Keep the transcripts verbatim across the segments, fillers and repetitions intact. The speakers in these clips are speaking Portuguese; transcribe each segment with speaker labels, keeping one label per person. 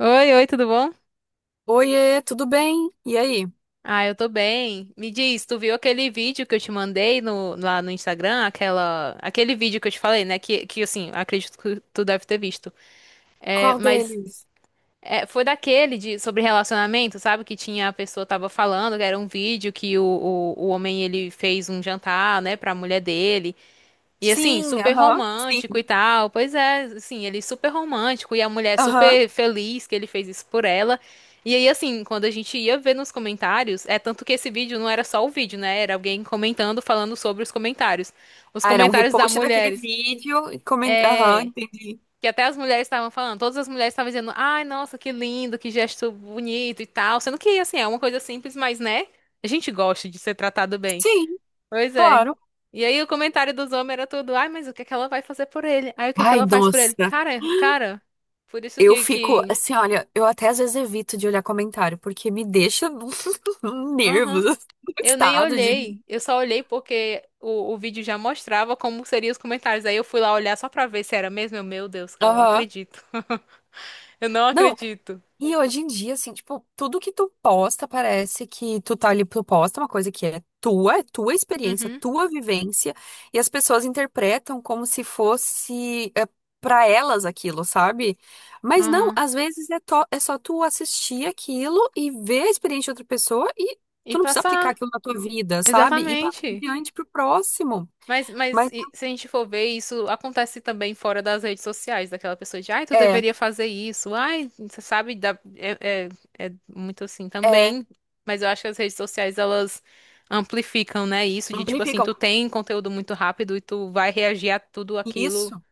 Speaker 1: Oi, oi, tudo bom?
Speaker 2: Oiê, tudo bem? E aí?
Speaker 1: Ah, eu tô bem. Me diz, tu viu aquele vídeo que eu te mandei no, lá no Instagram? Aquela, aquele vídeo que eu te falei, né? Que, que assim, acredito que tu deve ter visto. É,
Speaker 2: Qual
Speaker 1: mas
Speaker 2: deles?
Speaker 1: é, foi daquele de, sobre relacionamento, sabe? Que tinha a pessoa tava falando, que era um vídeo que o, o, o homem ele fez um jantar, né, pra mulher dele. E assim,
Speaker 2: Sim,
Speaker 1: super
Speaker 2: aham,
Speaker 1: romântico e
Speaker 2: sim,
Speaker 1: tal. Pois é, assim, ele super romântico e a mulher
Speaker 2: aham.
Speaker 1: super feliz que ele fez isso por ela. E aí, assim, quando a gente ia ver nos comentários, é tanto que esse vídeo não era só o vídeo, né? Era alguém comentando, falando sobre os comentários. Os
Speaker 2: Ah, era um
Speaker 1: comentários das
Speaker 2: repost daquele
Speaker 1: mulheres.
Speaker 2: vídeo e coment... Aham,
Speaker 1: É.
Speaker 2: entendi.
Speaker 1: Que até as mulheres estavam falando, todas as mulheres estavam dizendo, ai, nossa, que lindo, que gesto bonito e tal. Sendo que, assim, é uma coisa simples, mas, né? A gente gosta de ser tratado bem.
Speaker 2: Sim,
Speaker 1: Pois é.
Speaker 2: claro.
Speaker 1: E aí o comentário dos homens era tudo, ai, mas o que é que ela vai fazer por ele? Aí o que é que
Speaker 2: Ai,
Speaker 1: ela faz por ele?
Speaker 2: nossa,
Speaker 1: Cara, cara, por isso
Speaker 2: eu
Speaker 1: que,
Speaker 2: fico
Speaker 1: que...
Speaker 2: assim, olha, eu até às vezes evito de olhar comentário, porque me deixa
Speaker 1: Aham.
Speaker 2: nervos,
Speaker 1: Eu nem
Speaker 2: estado de...
Speaker 1: olhei, eu só olhei porque o, o vídeo já mostrava como seriam os comentários. Aí eu fui lá olhar só pra ver se era mesmo. Eu, meu Deus, cara, eu não
Speaker 2: Aham.
Speaker 1: acredito. Eu não
Speaker 2: Não.
Speaker 1: acredito.
Speaker 2: E hoje em dia, assim, tipo, tudo que tu posta parece que tu tá ali, tu posta uma coisa que é tua, é tua experiência,
Speaker 1: Uhum,
Speaker 2: tua vivência, e as pessoas interpretam como se fosse é, para elas aquilo, sabe? Mas não,
Speaker 1: aham.
Speaker 2: às vezes é, to- é só tu assistir aquilo e ver a experiência de outra pessoa, e
Speaker 1: E
Speaker 2: tu não precisa aplicar
Speaker 1: passar,
Speaker 2: aquilo na tua vida, sabe? E passar
Speaker 1: exatamente.
Speaker 2: adiante pro próximo.
Speaker 1: Mas, mas
Speaker 2: Mas
Speaker 1: e se a gente for ver, isso acontece também fora das redes sociais, daquela pessoa de, ai, tu
Speaker 2: é,
Speaker 1: deveria fazer isso, ai, você sabe, dá- é, é, é muito assim
Speaker 2: é,
Speaker 1: também, mas eu acho que as redes sociais, elas amplificam, né, isso de, tipo assim,
Speaker 2: amplificam.
Speaker 1: tu tem conteúdo muito rápido e tu vai reagir a tudo aquilo.
Speaker 2: Isso.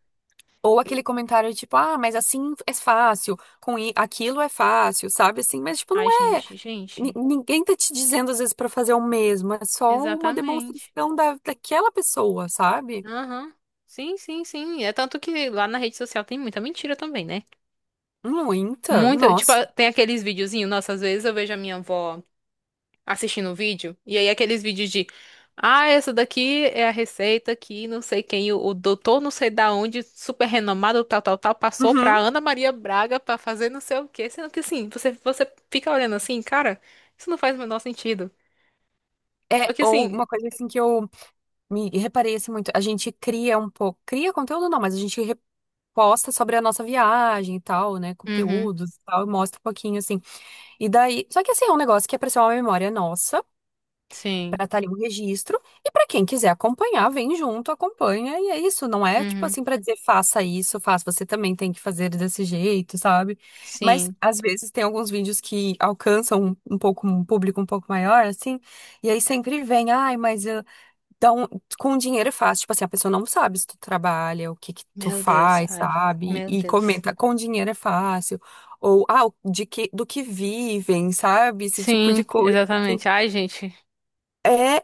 Speaker 2: Ou
Speaker 1: E-
Speaker 2: aquele comentário tipo, ah, mas assim é fácil, com i- aquilo é fácil, sabe assim? Mas, tipo, não
Speaker 1: Ai,
Speaker 2: é.
Speaker 1: gente,
Speaker 2: Ni-
Speaker 1: gente,
Speaker 2: Ninguém tá te dizendo às vezes pra fazer o mesmo, é só uma
Speaker 1: exatamente.
Speaker 2: demonstração da, daquela pessoa, sabe?
Speaker 1: Aham, Sim, sim, sim, é tanto que lá na rede social tem muita mentira também, né?
Speaker 2: Muita,
Speaker 1: Muita, tipo,
Speaker 2: nossa.
Speaker 1: tem aqueles videozinhos, nossa, às vezes eu vejo a minha avó... assistindo o vídeo, e aí aqueles vídeos de, ah, essa daqui é a receita que não sei quem, o, o doutor não sei da onde, super renomado, tal, tal, tal, passou pra
Speaker 2: Uhum.
Speaker 1: Ana Maria Braga pra fazer não sei o quê, sendo que assim, você, você fica olhando assim, cara, isso não faz o menor sentido.
Speaker 2: É,
Speaker 1: Só que
Speaker 2: ou
Speaker 1: assim,
Speaker 2: uma coisa assim que eu me reparei assim muito, a gente cria um pouco, cria conteúdo não, mas a gente reposta sobre a nossa viagem e tal, né,
Speaker 1: uhum,
Speaker 2: conteúdos e tal, e mostra um pouquinho assim. E daí, só que assim, é um negócio que é pra ser uma memória nossa,
Speaker 1: sim,
Speaker 2: para estar ali um registro e para quem quiser acompanhar, vem junto, acompanha e é isso, não é tipo
Speaker 1: uhum,
Speaker 2: assim para dizer faça isso, faça, você também tem que fazer desse jeito, sabe? Mas
Speaker 1: sim.
Speaker 2: às vezes tem alguns vídeos que alcançam um, um pouco um público um pouco maior assim, e aí sempre vem, ai, mas eu... Então com dinheiro é fácil, tipo assim, a pessoa não sabe se tu trabalha, o que que tu
Speaker 1: Meu Deus,
Speaker 2: faz,
Speaker 1: cara,
Speaker 2: sabe?
Speaker 1: meu
Speaker 2: E
Speaker 1: Deus.
Speaker 2: comenta com dinheiro é fácil. Ou, ah, de que, do que vivem, sabe? Esse tipo de
Speaker 1: Sim,
Speaker 2: coisa, assim.
Speaker 1: exatamente. Ai, gente,
Speaker 2: É.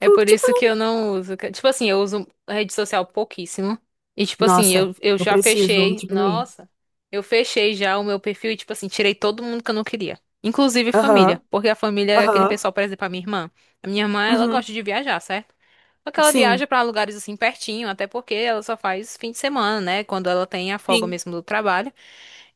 Speaker 1: é por
Speaker 2: tipo,
Speaker 1: isso que eu não uso. que- Tipo assim, eu uso rede social pouquíssimo. E tipo assim,
Speaker 2: nossa,
Speaker 1: eu, eu
Speaker 2: eu
Speaker 1: já
Speaker 2: preciso
Speaker 1: fechei.
Speaker 2: diminuir.
Speaker 1: Nossa, eu fechei já o meu perfil e tipo assim, tirei todo mundo que eu não queria. Inclusive família.
Speaker 2: Aham,
Speaker 1: Porque a família é aquele
Speaker 2: aham,
Speaker 1: pessoal, por exemplo, a minha irmã. A minha irmã, ela
Speaker 2: uhum,
Speaker 1: gosta de viajar, certo? Só que ela viaja
Speaker 2: sim,
Speaker 1: pra lugares assim pertinho, até porque ela só faz fim de semana, né? Quando ela tem a folga
Speaker 2: sim.
Speaker 1: mesmo do trabalho.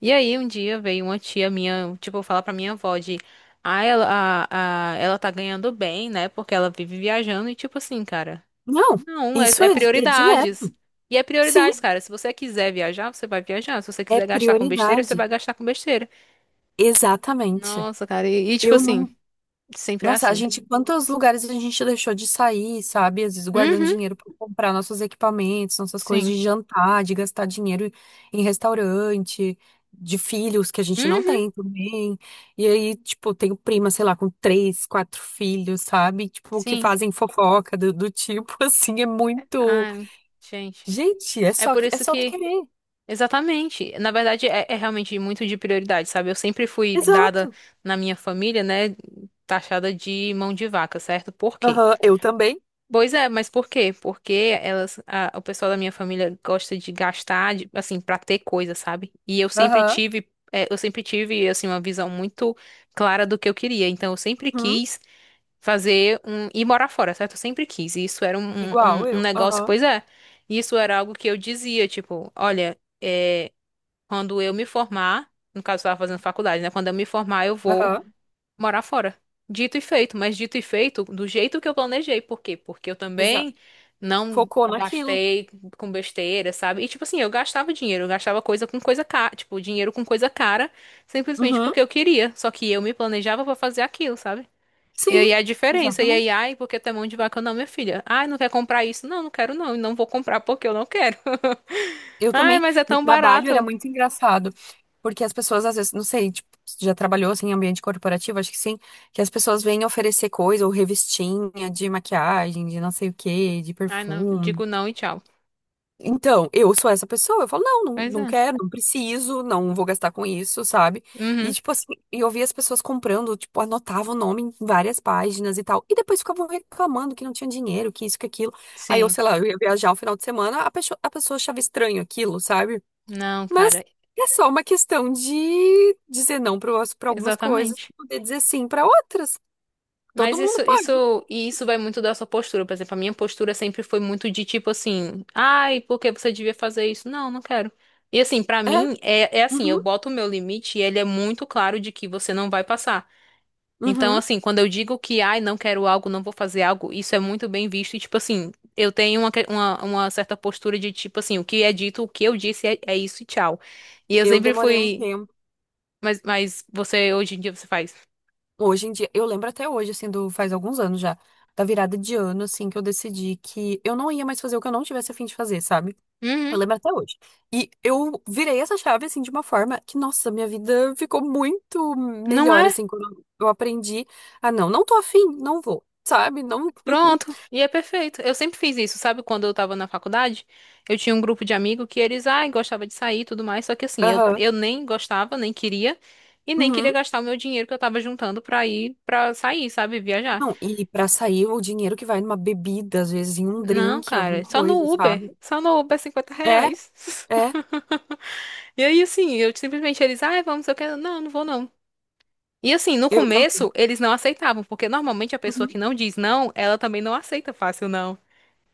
Speaker 1: E aí, um dia veio uma tia minha, tipo, falar pra minha avó de, ah, ela, a, a- ela tá ganhando bem, né? Porque ela vive viajando e, tipo assim, cara,
Speaker 2: Não,
Speaker 1: não, é,
Speaker 2: isso
Speaker 1: é
Speaker 2: é, é
Speaker 1: prioridades.
Speaker 2: direto.
Speaker 1: E é
Speaker 2: Sim,
Speaker 1: prioridades, cara. Se você quiser viajar, você vai viajar. Se você
Speaker 2: é
Speaker 1: quiser gastar com besteira, você vai
Speaker 2: prioridade.
Speaker 1: gastar com besteira.
Speaker 2: Exatamente.
Speaker 1: Nossa, cara, e, e, tipo
Speaker 2: Eu
Speaker 1: assim,
Speaker 2: não
Speaker 1: sempre é
Speaker 2: Nossa, a
Speaker 1: assim.
Speaker 2: gente, quantos lugares a gente deixou de sair, sabe? Às vezes guardando
Speaker 1: Uhum,
Speaker 2: dinheiro para comprar nossos equipamentos, nossas coisas
Speaker 1: sim.
Speaker 2: de jantar, de gastar dinheiro em restaurante, de filhos que a gente não
Speaker 1: Uhum,
Speaker 2: tem também. E aí, tipo, tenho prima, sei lá, com três, quatro filhos, sabe? Tipo, que
Speaker 1: sim.
Speaker 2: fazem fofoca do, do tipo, assim, é muito.
Speaker 1: Ai, gente.
Speaker 2: Gente, é
Speaker 1: É
Speaker 2: só,
Speaker 1: por
Speaker 2: que- é
Speaker 1: isso
Speaker 2: só tu
Speaker 1: que.
Speaker 2: querer.
Speaker 1: Exatamente. Na verdade, é, é realmente muito de prioridade, sabe? Eu sempre fui dada
Speaker 2: Exato.
Speaker 1: na minha família, né? Taxada de mão de vaca, certo? Por quê?
Speaker 2: Aham, eu também.
Speaker 1: Pois é, mas por quê? Porque elas, a- o pessoal da minha família gosta de gastar, de- assim, pra ter coisa, sabe? E eu sempre
Speaker 2: Aham.
Speaker 1: tive, é, eu sempre tive, assim, uma visão muito clara do que eu queria. Então, eu sempre
Speaker 2: Uhum.
Speaker 1: quis fazer um, ir morar fora, certo? Eu sempre quis. E isso era um, um, um
Speaker 2: Igual
Speaker 1: um
Speaker 2: eu.
Speaker 1: negócio,
Speaker 2: Aham.
Speaker 1: pois é. Isso era algo que eu dizia, tipo, olha. É, quando eu me formar, no caso, eu estava fazendo faculdade, né? Quando eu me formar, eu vou
Speaker 2: Aham.
Speaker 1: morar fora. Dito e feito, mas dito e feito do jeito que eu planejei. Por quê? Porque eu
Speaker 2: Exato.
Speaker 1: também não
Speaker 2: Focou naquilo.
Speaker 1: gastei com besteira, sabe? E tipo assim, eu gastava dinheiro, eu gastava coisa com coisa cara, tipo, dinheiro com coisa cara, simplesmente
Speaker 2: Uhum.
Speaker 1: porque eu queria. Só que eu me planejava pra fazer aquilo, sabe? E
Speaker 2: Sim,
Speaker 1: aí a diferença, e aí,
Speaker 2: exatamente.
Speaker 1: ai, porque tem mão de vaca, não, minha filha. Ai, não quer comprar isso? Não, não quero não, e não vou comprar porque eu não quero.
Speaker 2: Eu
Speaker 1: Ai,
Speaker 2: também,
Speaker 1: mas é
Speaker 2: no
Speaker 1: tão
Speaker 2: trabalho era
Speaker 1: barato.
Speaker 2: muito engraçado, porque as pessoas às vezes, não sei, tipo, se já trabalhou assim em ambiente corporativo, acho que sim, que as pessoas vêm oferecer coisa ou revistinha de maquiagem, de não sei o quê, de
Speaker 1: Ai, não,
Speaker 2: perfume.
Speaker 1: digo não e tchau.
Speaker 2: Então, eu sou essa pessoa. Eu falo, não, não,
Speaker 1: Pois
Speaker 2: não
Speaker 1: é.
Speaker 2: quero, não preciso, não vou gastar com isso, sabe? E,
Speaker 1: Uhum,
Speaker 2: tipo assim, eu via as pessoas comprando, tipo, anotava o nome em várias páginas e tal. E depois ficavam reclamando que não tinha dinheiro, que isso, que aquilo. Aí eu,
Speaker 1: sim.
Speaker 2: sei lá, eu ia viajar um final de semana, a pessoa, a pessoa achava estranho aquilo, sabe?
Speaker 1: Não,
Speaker 2: Mas
Speaker 1: cara,
Speaker 2: é só uma questão de dizer não para algumas coisas,
Speaker 1: exatamente.
Speaker 2: poder dizer sim para outras. Todo
Speaker 1: Mas
Speaker 2: mundo
Speaker 1: isso,
Speaker 2: pode.
Speaker 1: isso, e isso vai muito da sua postura. Por exemplo, a minha postura sempre foi muito de tipo assim, ai, por que você devia fazer isso? Não, não quero. E assim, pra
Speaker 2: É.
Speaker 1: mim, é, é assim, eu
Speaker 2: Uhum,
Speaker 1: boto o meu limite e ele é muito claro de que você não vai passar. Então,
Speaker 2: uhum.
Speaker 1: assim, quando eu digo que, ai, não quero algo, não vou fazer algo, isso é muito bem visto. E, tipo assim, eu tenho uma, que- uma, uma certa postura de, tipo assim, o que é dito, o que eu disse é, é isso e tchau. E eu
Speaker 2: Eu
Speaker 1: sempre
Speaker 2: demorei um
Speaker 1: fui,
Speaker 2: tempo.
Speaker 1: mas, mas você, hoje em dia, você faz,
Speaker 2: Hoje em dia, eu lembro até hoje, assim, do, faz alguns anos já, da virada de ano, assim, que eu decidi que eu não ia mais fazer o que eu não tivesse a fim de fazer, sabe? Eu
Speaker 1: uhum,
Speaker 2: lembro até hoje. E eu virei essa chave, assim, de uma forma que, nossa, minha vida ficou muito
Speaker 1: não
Speaker 2: melhor,
Speaker 1: é?
Speaker 2: assim, quando eu aprendi a não, não tô afim, não vou, sabe? Não.
Speaker 1: Pronto. E é perfeito. Eu sempre fiz isso, sabe? Quando eu tava na faculdade, eu tinha um grupo de amigos que eles, ai, gostava de sair e tudo mais, só que assim, eu,
Speaker 2: Aham.
Speaker 1: eu nem gostava, nem queria, e nem queria
Speaker 2: Uhum.
Speaker 1: gastar o meu dinheiro que eu tava juntando pra ir, pra sair, sabe? Viajar.
Speaker 2: Não, e pra sair o dinheiro que vai numa bebida, às vezes em um
Speaker 1: Não,
Speaker 2: drink, alguma
Speaker 1: cara, só
Speaker 2: coisa,
Speaker 1: no Uber.
Speaker 2: sabe?
Speaker 1: Só no Uber é 50
Speaker 2: É,
Speaker 1: reais.
Speaker 2: é,
Speaker 1: E aí, assim, eu simplesmente eles, ai, vamos, eu quero. Não, não vou não. E assim, no
Speaker 2: eu também.
Speaker 1: começo, eles não aceitavam, porque normalmente a pessoa que
Speaker 2: Uhum.
Speaker 1: não diz não, ela também não aceita fácil não.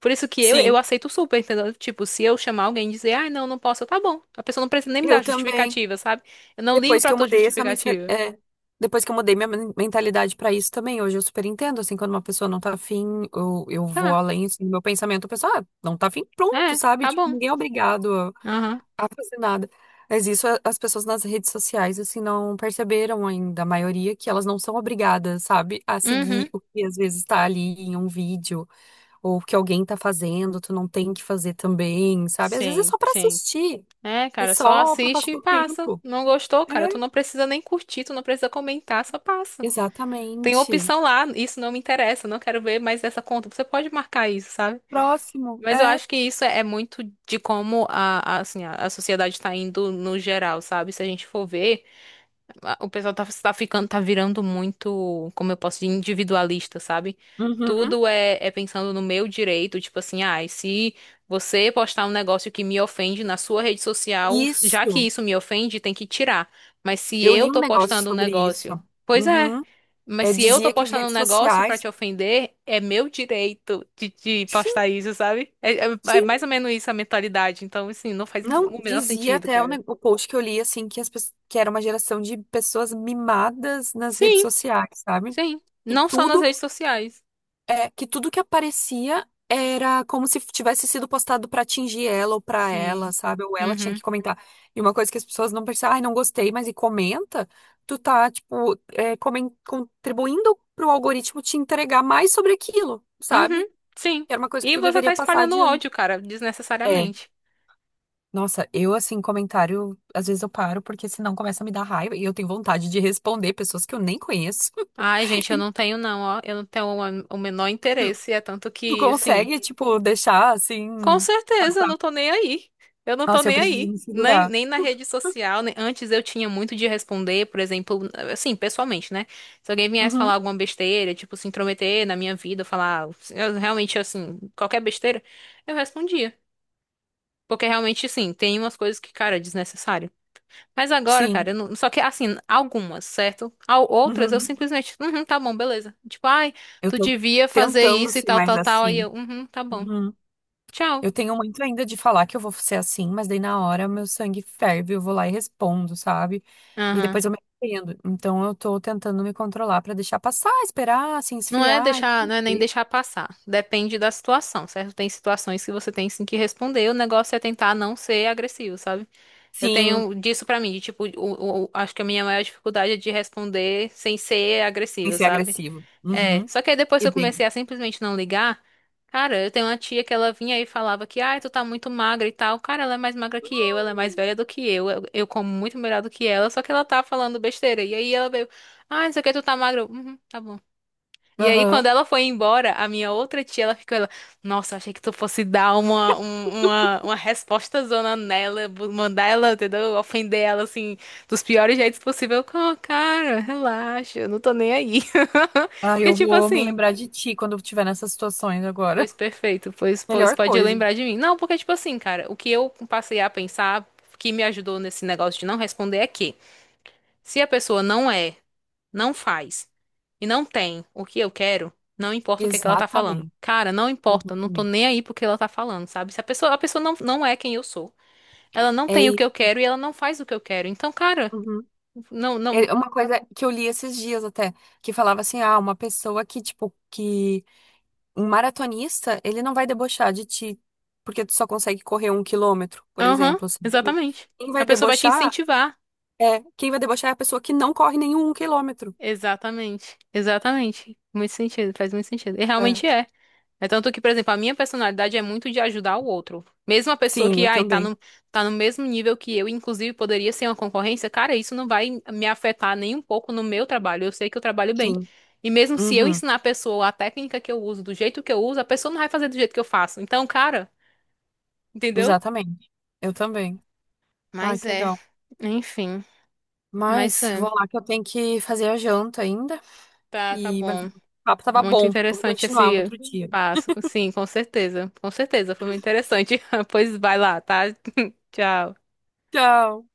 Speaker 1: Por isso que eu, eu
Speaker 2: Sim,
Speaker 1: aceito super, entendeu? Tipo, se eu chamar alguém e dizer, ai, não, não posso, eu, tá bom. A pessoa não precisa nem me
Speaker 2: eu
Speaker 1: dar
Speaker 2: também.
Speaker 1: justificativa, sabe? Eu não ligo
Speaker 2: Depois que
Speaker 1: pra
Speaker 2: eu
Speaker 1: tua
Speaker 2: mudei essa mensalidade.
Speaker 1: justificativa.
Speaker 2: É, depois que eu mudei minha men- mentalidade pra isso também, hoje eu super entendo, assim, quando uma pessoa não tá afim, eu, eu vou
Speaker 1: Tá,
Speaker 2: além, assim, do meu pensamento, eu penso, ah, não tá afim, pronto,
Speaker 1: é,
Speaker 2: sabe?
Speaker 1: tá
Speaker 2: Tipo,
Speaker 1: bom.
Speaker 2: ninguém é obrigado a
Speaker 1: Aham.
Speaker 2: a fazer nada. Mas isso a- as pessoas nas redes sociais, assim, não perceberam ainda, a maioria, que elas não são obrigadas, sabe, a
Speaker 1: Uhum.
Speaker 2: seguir o que às vezes tá ali em um vídeo, ou o que alguém tá fazendo, tu não tem que fazer também, sabe? Às vezes é
Speaker 1: Sim,
Speaker 2: só pra
Speaker 1: sim.
Speaker 2: assistir,
Speaker 1: É,
Speaker 2: é
Speaker 1: cara, só
Speaker 2: só pra
Speaker 1: assiste e
Speaker 2: passar o
Speaker 1: passa.
Speaker 2: tempo.
Speaker 1: Não gostou, cara? Tu não
Speaker 2: É.
Speaker 1: precisa nem curtir, tu não precisa comentar, só passa. Tem
Speaker 2: Exatamente.
Speaker 1: opção lá, isso não me interessa, não quero ver mais essa conta. Você pode marcar isso, sabe?
Speaker 2: Próximo,
Speaker 1: Mas eu
Speaker 2: é.
Speaker 1: acho que isso é é muito de como a, a- assim, a, a sociedade está indo no geral, sabe? Se a gente for ver a- o pessoal tá, tá ficando, tá virando muito, como eu posso dizer, individualista, sabe?
Speaker 2: Uhum.
Speaker 1: Tudo é, é pensando no meu direito, tipo assim, ah, e se você postar um negócio que me ofende na sua rede social, já que
Speaker 2: Isso.
Speaker 1: isso me ofende, tem que tirar. Mas se
Speaker 2: Eu
Speaker 1: eu
Speaker 2: li um
Speaker 1: tô
Speaker 2: negócio
Speaker 1: postando um
Speaker 2: sobre isso.
Speaker 1: negócio, pois é.
Speaker 2: Uhum.
Speaker 1: Mas
Speaker 2: É,
Speaker 1: se eu tô
Speaker 2: dizia que as
Speaker 1: postando um
Speaker 2: redes
Speaker 1: negócio pra
Speaker 2: sociais.
Speaker 1: te ofender, é meu direito de, de
Speaker 2: Sim,
Speaker 1: postar isso, sabe? É, é é
Speaker 2: sim.
Speaker 1: mais ou menos isso a mentalidade. Então, assim, não faz
Speaker 2: Não,
Speaker 1: o menor
Speaker 2: dizia
Speaker 1: sentido,
Speaker 2: até o,
Speaker 1: cara.
Speaker 2: ne- o post que eu li, assim, que, as, pe- que era uma geração de pessoas mimadas nas redes
Speaker 1: Sim,
Speaker 2: sociais, sabe?
Speaker 1: Sim,
Speaker 2: Que
Speaker 1: não só nas
Speaker 2: tudo
Speaker 1: redes sociais.
Speaker 2: é que tudo que aparecia era como se tivesse sido postado pra atingir ela ou pra ela,
Speaker 1: Sim.
Speaker 2: sabe? Ou ela tinha que
Speaker 1: Uhum.
Speaker 2: comentar. E uma coisa que as pessoas não percebem, ai, não gostei, mas e comenta, tu tá, tipo, é, comen- contribuindo pro algoritmo te entregar mais sobre aquilo, sabe?
Speaker 1: Uhum. Sim.
Speaker 2: Que era uma coisa que
Speaker 1: E
Speaker 2: tu
Speaker 1: você
Speaker 2: deveria
Speaker 1: tá
Speaker 2: passar
Speaker 1: espalhando
Speaker 2: adiante.
Speaker 1: ódio, cara,
Speaker 2: É.
Speaker 1: desnecessariamente.
Speaker 2: Nossa, eu assim, comentário, às vezes eu paro, porque senão começa a me dar raiva e eu tenho vontade de responder pessoas que eu nem conheço.
Speaker 1: Ai, gente, eu não tenho não, ó. Eu não tenho o o menor
Speaker 2: Tu,
Speaker 1: interesse. É tanto
Speaker 2: tu
Speaker 1: que, assim,
Speaker 2: consegue, tipo, deixar
Speaker 1: com
Speaker 2: assim.
Speaker 1: certeza eu não tô nem aí. Eu não tô
Speaker 2: Nossa, eu
Speaker 1: nem
Speaker 2: preciso
Speaker 1: aí.
Speaker 2: me
Speaker 1: Nem,
Speaker 2: segurar.
Speaker 1: nem na rede social. nem- Antes eu tinha muito de responder, por exemplo, assim, pessoalmente, né? Se alguém viesse
Speaker 2: Uhum,
Speaker 1: falar alguma besteira, tipo, se intrometer na minha vida, falar eu, realmente, assim, qualquer besteira, eu respondia. Porque realmente, sim, tem umas coisas que, cara, é desnecessário. Mas agora,
Speaker 2: sim.
Speaker 1: cara, eu não... Só que, assim, algumas, certo? Al- Outras eu
Speaker 2: Uhum.
Speaker 1: simplesmente, uhum, tá bom, beleza. Tipo, ai,
Speaker 2: Eu
Speaker 1: tu
Speaker 2: tô
Speaker 1: devia fazer
Speaker 2: tentando
Speaker 1: isso e
Speaker 2: ser
Speaker 1: tal,
Speaker 2: mais
Speaker 1: tal, tal. Aí
Speaker 2: assim.
Speaker 1: eu, uhum, tá bom.
Speaker 2: Uhum.
Speaker 1: Tchau.
Speaker 2: Eu tenho muito ainda de falar que eu vou ser assim, mas daí na hora meu sangue ferve, eu vou lá e respondo, sabe? E
Speaker 1: Aham.
Speaker 2: depois eu me arrependo. Então eu tô tentando me controlar pra deixar passar, esperar, assim,
Speaker 1: Não é
Speaker 2: esfriar e
Speaker 1: deixar,
Speaker 2: tal.
Speaker 1: não é nem
Speaker 2: E-
Speaker 1: deixar passar. Depende da situação, certo? Tem situações que você tem sim que responder. O negócio é tentar não ser agressivo, sabe? Eu
Speaker 2: Sim,
Speaker 1: tenho disso pra mim, de, tipo, o, o- o- acho que a minha maior dificuldade é de responder sem ser
Speaker 2: sem
Speaker 1: agressiva,
Speaker 2: ser
Speaker 1: sabe?
Speaker 2: agressivo.
Speaker 1: É,
Speaker 2: Uhum.
Speaker 1: só que aí depois que
Speaker 2: E
Speaker 1: eu comecei
Speaker 2: bem.
Speaker 1: a simplesmente não ligar, cara, eu tenho uma tia que ela vinha e falava que, ai, tu tá muito magra e tal. Cara, ela é mais magra que eu, ela é mais velha do que eu, eu, eu, como muito melhor do que ela, só que ela tá falando besteira. E aí ela veio, ai, não sei o que, tu tá magra. Eu, Uhum, tá bom. E aí,
Speaker 2: Aham.
Speaker 1: quando ela foi embora, a minha outra tia, ela ficou, ela, nossa, achei que tu fosse dar uma, um- uma, uma resposta zona nela, bu- mandar ela, entendeu? Ofender ela, assim, dos piores jeitos possível. Eu, "Oh, cara, relaxa, eu não tô nem aí.
Speaker 2: Ah,
Speaker 1: Porque,
Speaker 2: eu
Speaker 1: tipo
Speaker 2: vou me
Speaker 1: assim,
Speaker 2: lembrar de ti quando eu estiver nessas situações agora.
Speaker 1: pois perfeito, pois, pois
Speaker 2: Melhor
Speaker 1: pode
Speaker 2: coisa.
Speaker 1: lembrar de mim. Não, porque, tipo assim, cara, o que eu passei a pensar, que me ajudou nesse negócio de não responder é que, se a pessoa não é não faz e não tem o que eu quero, não importa o que é que ela tá falando.
Speaker 2: Exatamente.
Speaker 1: Cara, não importa, não tô nem
Speaker 2: Exatamente.
Speaker 1: aí pro que ela tá falando, sabe? Se a pessoa, a pessoa não, não é quem eu sou. Ela não tem o
Speaker 2: É.
Speaker 1: que eu quero e ela não faz o que eu quero. Então, cara,
Speaker 2: Uhum.
Speaker 1: não, não.
Speaker 2: É uma coisa que eu li esses dias até, que falava assim, ah, uma pessoa que, tipo, que um maratonista, ele não vai debochar de ti, porque tu só consegue correr um quilômetro, por
Speaker 1: Aham,
Speaker 2: exemplo, sabe?
Speaker 1: exatamente.
Speaker 2: Quem
Speaker 1: A
Speaker 2: vai
Speaker 1: pessoa vai te
Speaker 2: debochar
Speaker 1: incentivar.
Speaker 2: é, quem vai debochar é a pessoa que não corre nenhum um quilômetro.
Speaker 1: Exatamente, exatamente. Muito sentido, faz muito sentido. E
Speaker 2: É.
Speaker 1: realmente é. É tanto que, por exemplo, a minha personalidade é muito de ajudar o outro. Mesmo a pessoa
Speaker 2: Sim,
Speaker 1: que,
Speaker 2: eu
Speaker 1: ai, tá
Speaker 2: também.
Speaker 1: no, tá no mesmo nível que eu, inclusive poderia ser uma concorrência, cara, isso não vai me afetar nem um pouco no meu trabalho. Eu sei que eu trabalho bem.
Speaker 2: Sim.
Speaker 1: E mesmo se eu
Speaker 2: Uhum.
Speaker 1: ensinar a pessoa a técnica que eu uso, do jeito que eu uso, a pessoa não vai fazer do jeito que eu faço. Então, cara, entendeu?
Speaker 2: Exatamente. Eu também. Ai,
Speaker 1: Mas
Speaker 2: que
Speaker 1: é,
Speaker 2: legal.
Speaker 1: enfim, mas
Speaker 2: Mas
Speaker 1: é.
Speaker 2: vou lá que eu tenho que fazer a janta ainda.
Speaker 1: Tá, tá
Speaker 2: E mas o
Speaker 1: bom.
Speaker 2: papo tava
Speaker 1: Muito
Speaker 2: bom. Vamos
Speaker 1: interessante
Speaker 2: continuar
Speaker 1: esse
Speaker 2: outro dia.
Speaker 1: passo. Sim, com certeza. Com certeza, foi muito interessante. Pois vai lá, tá? Tchau.
Speaker 2: Tchau.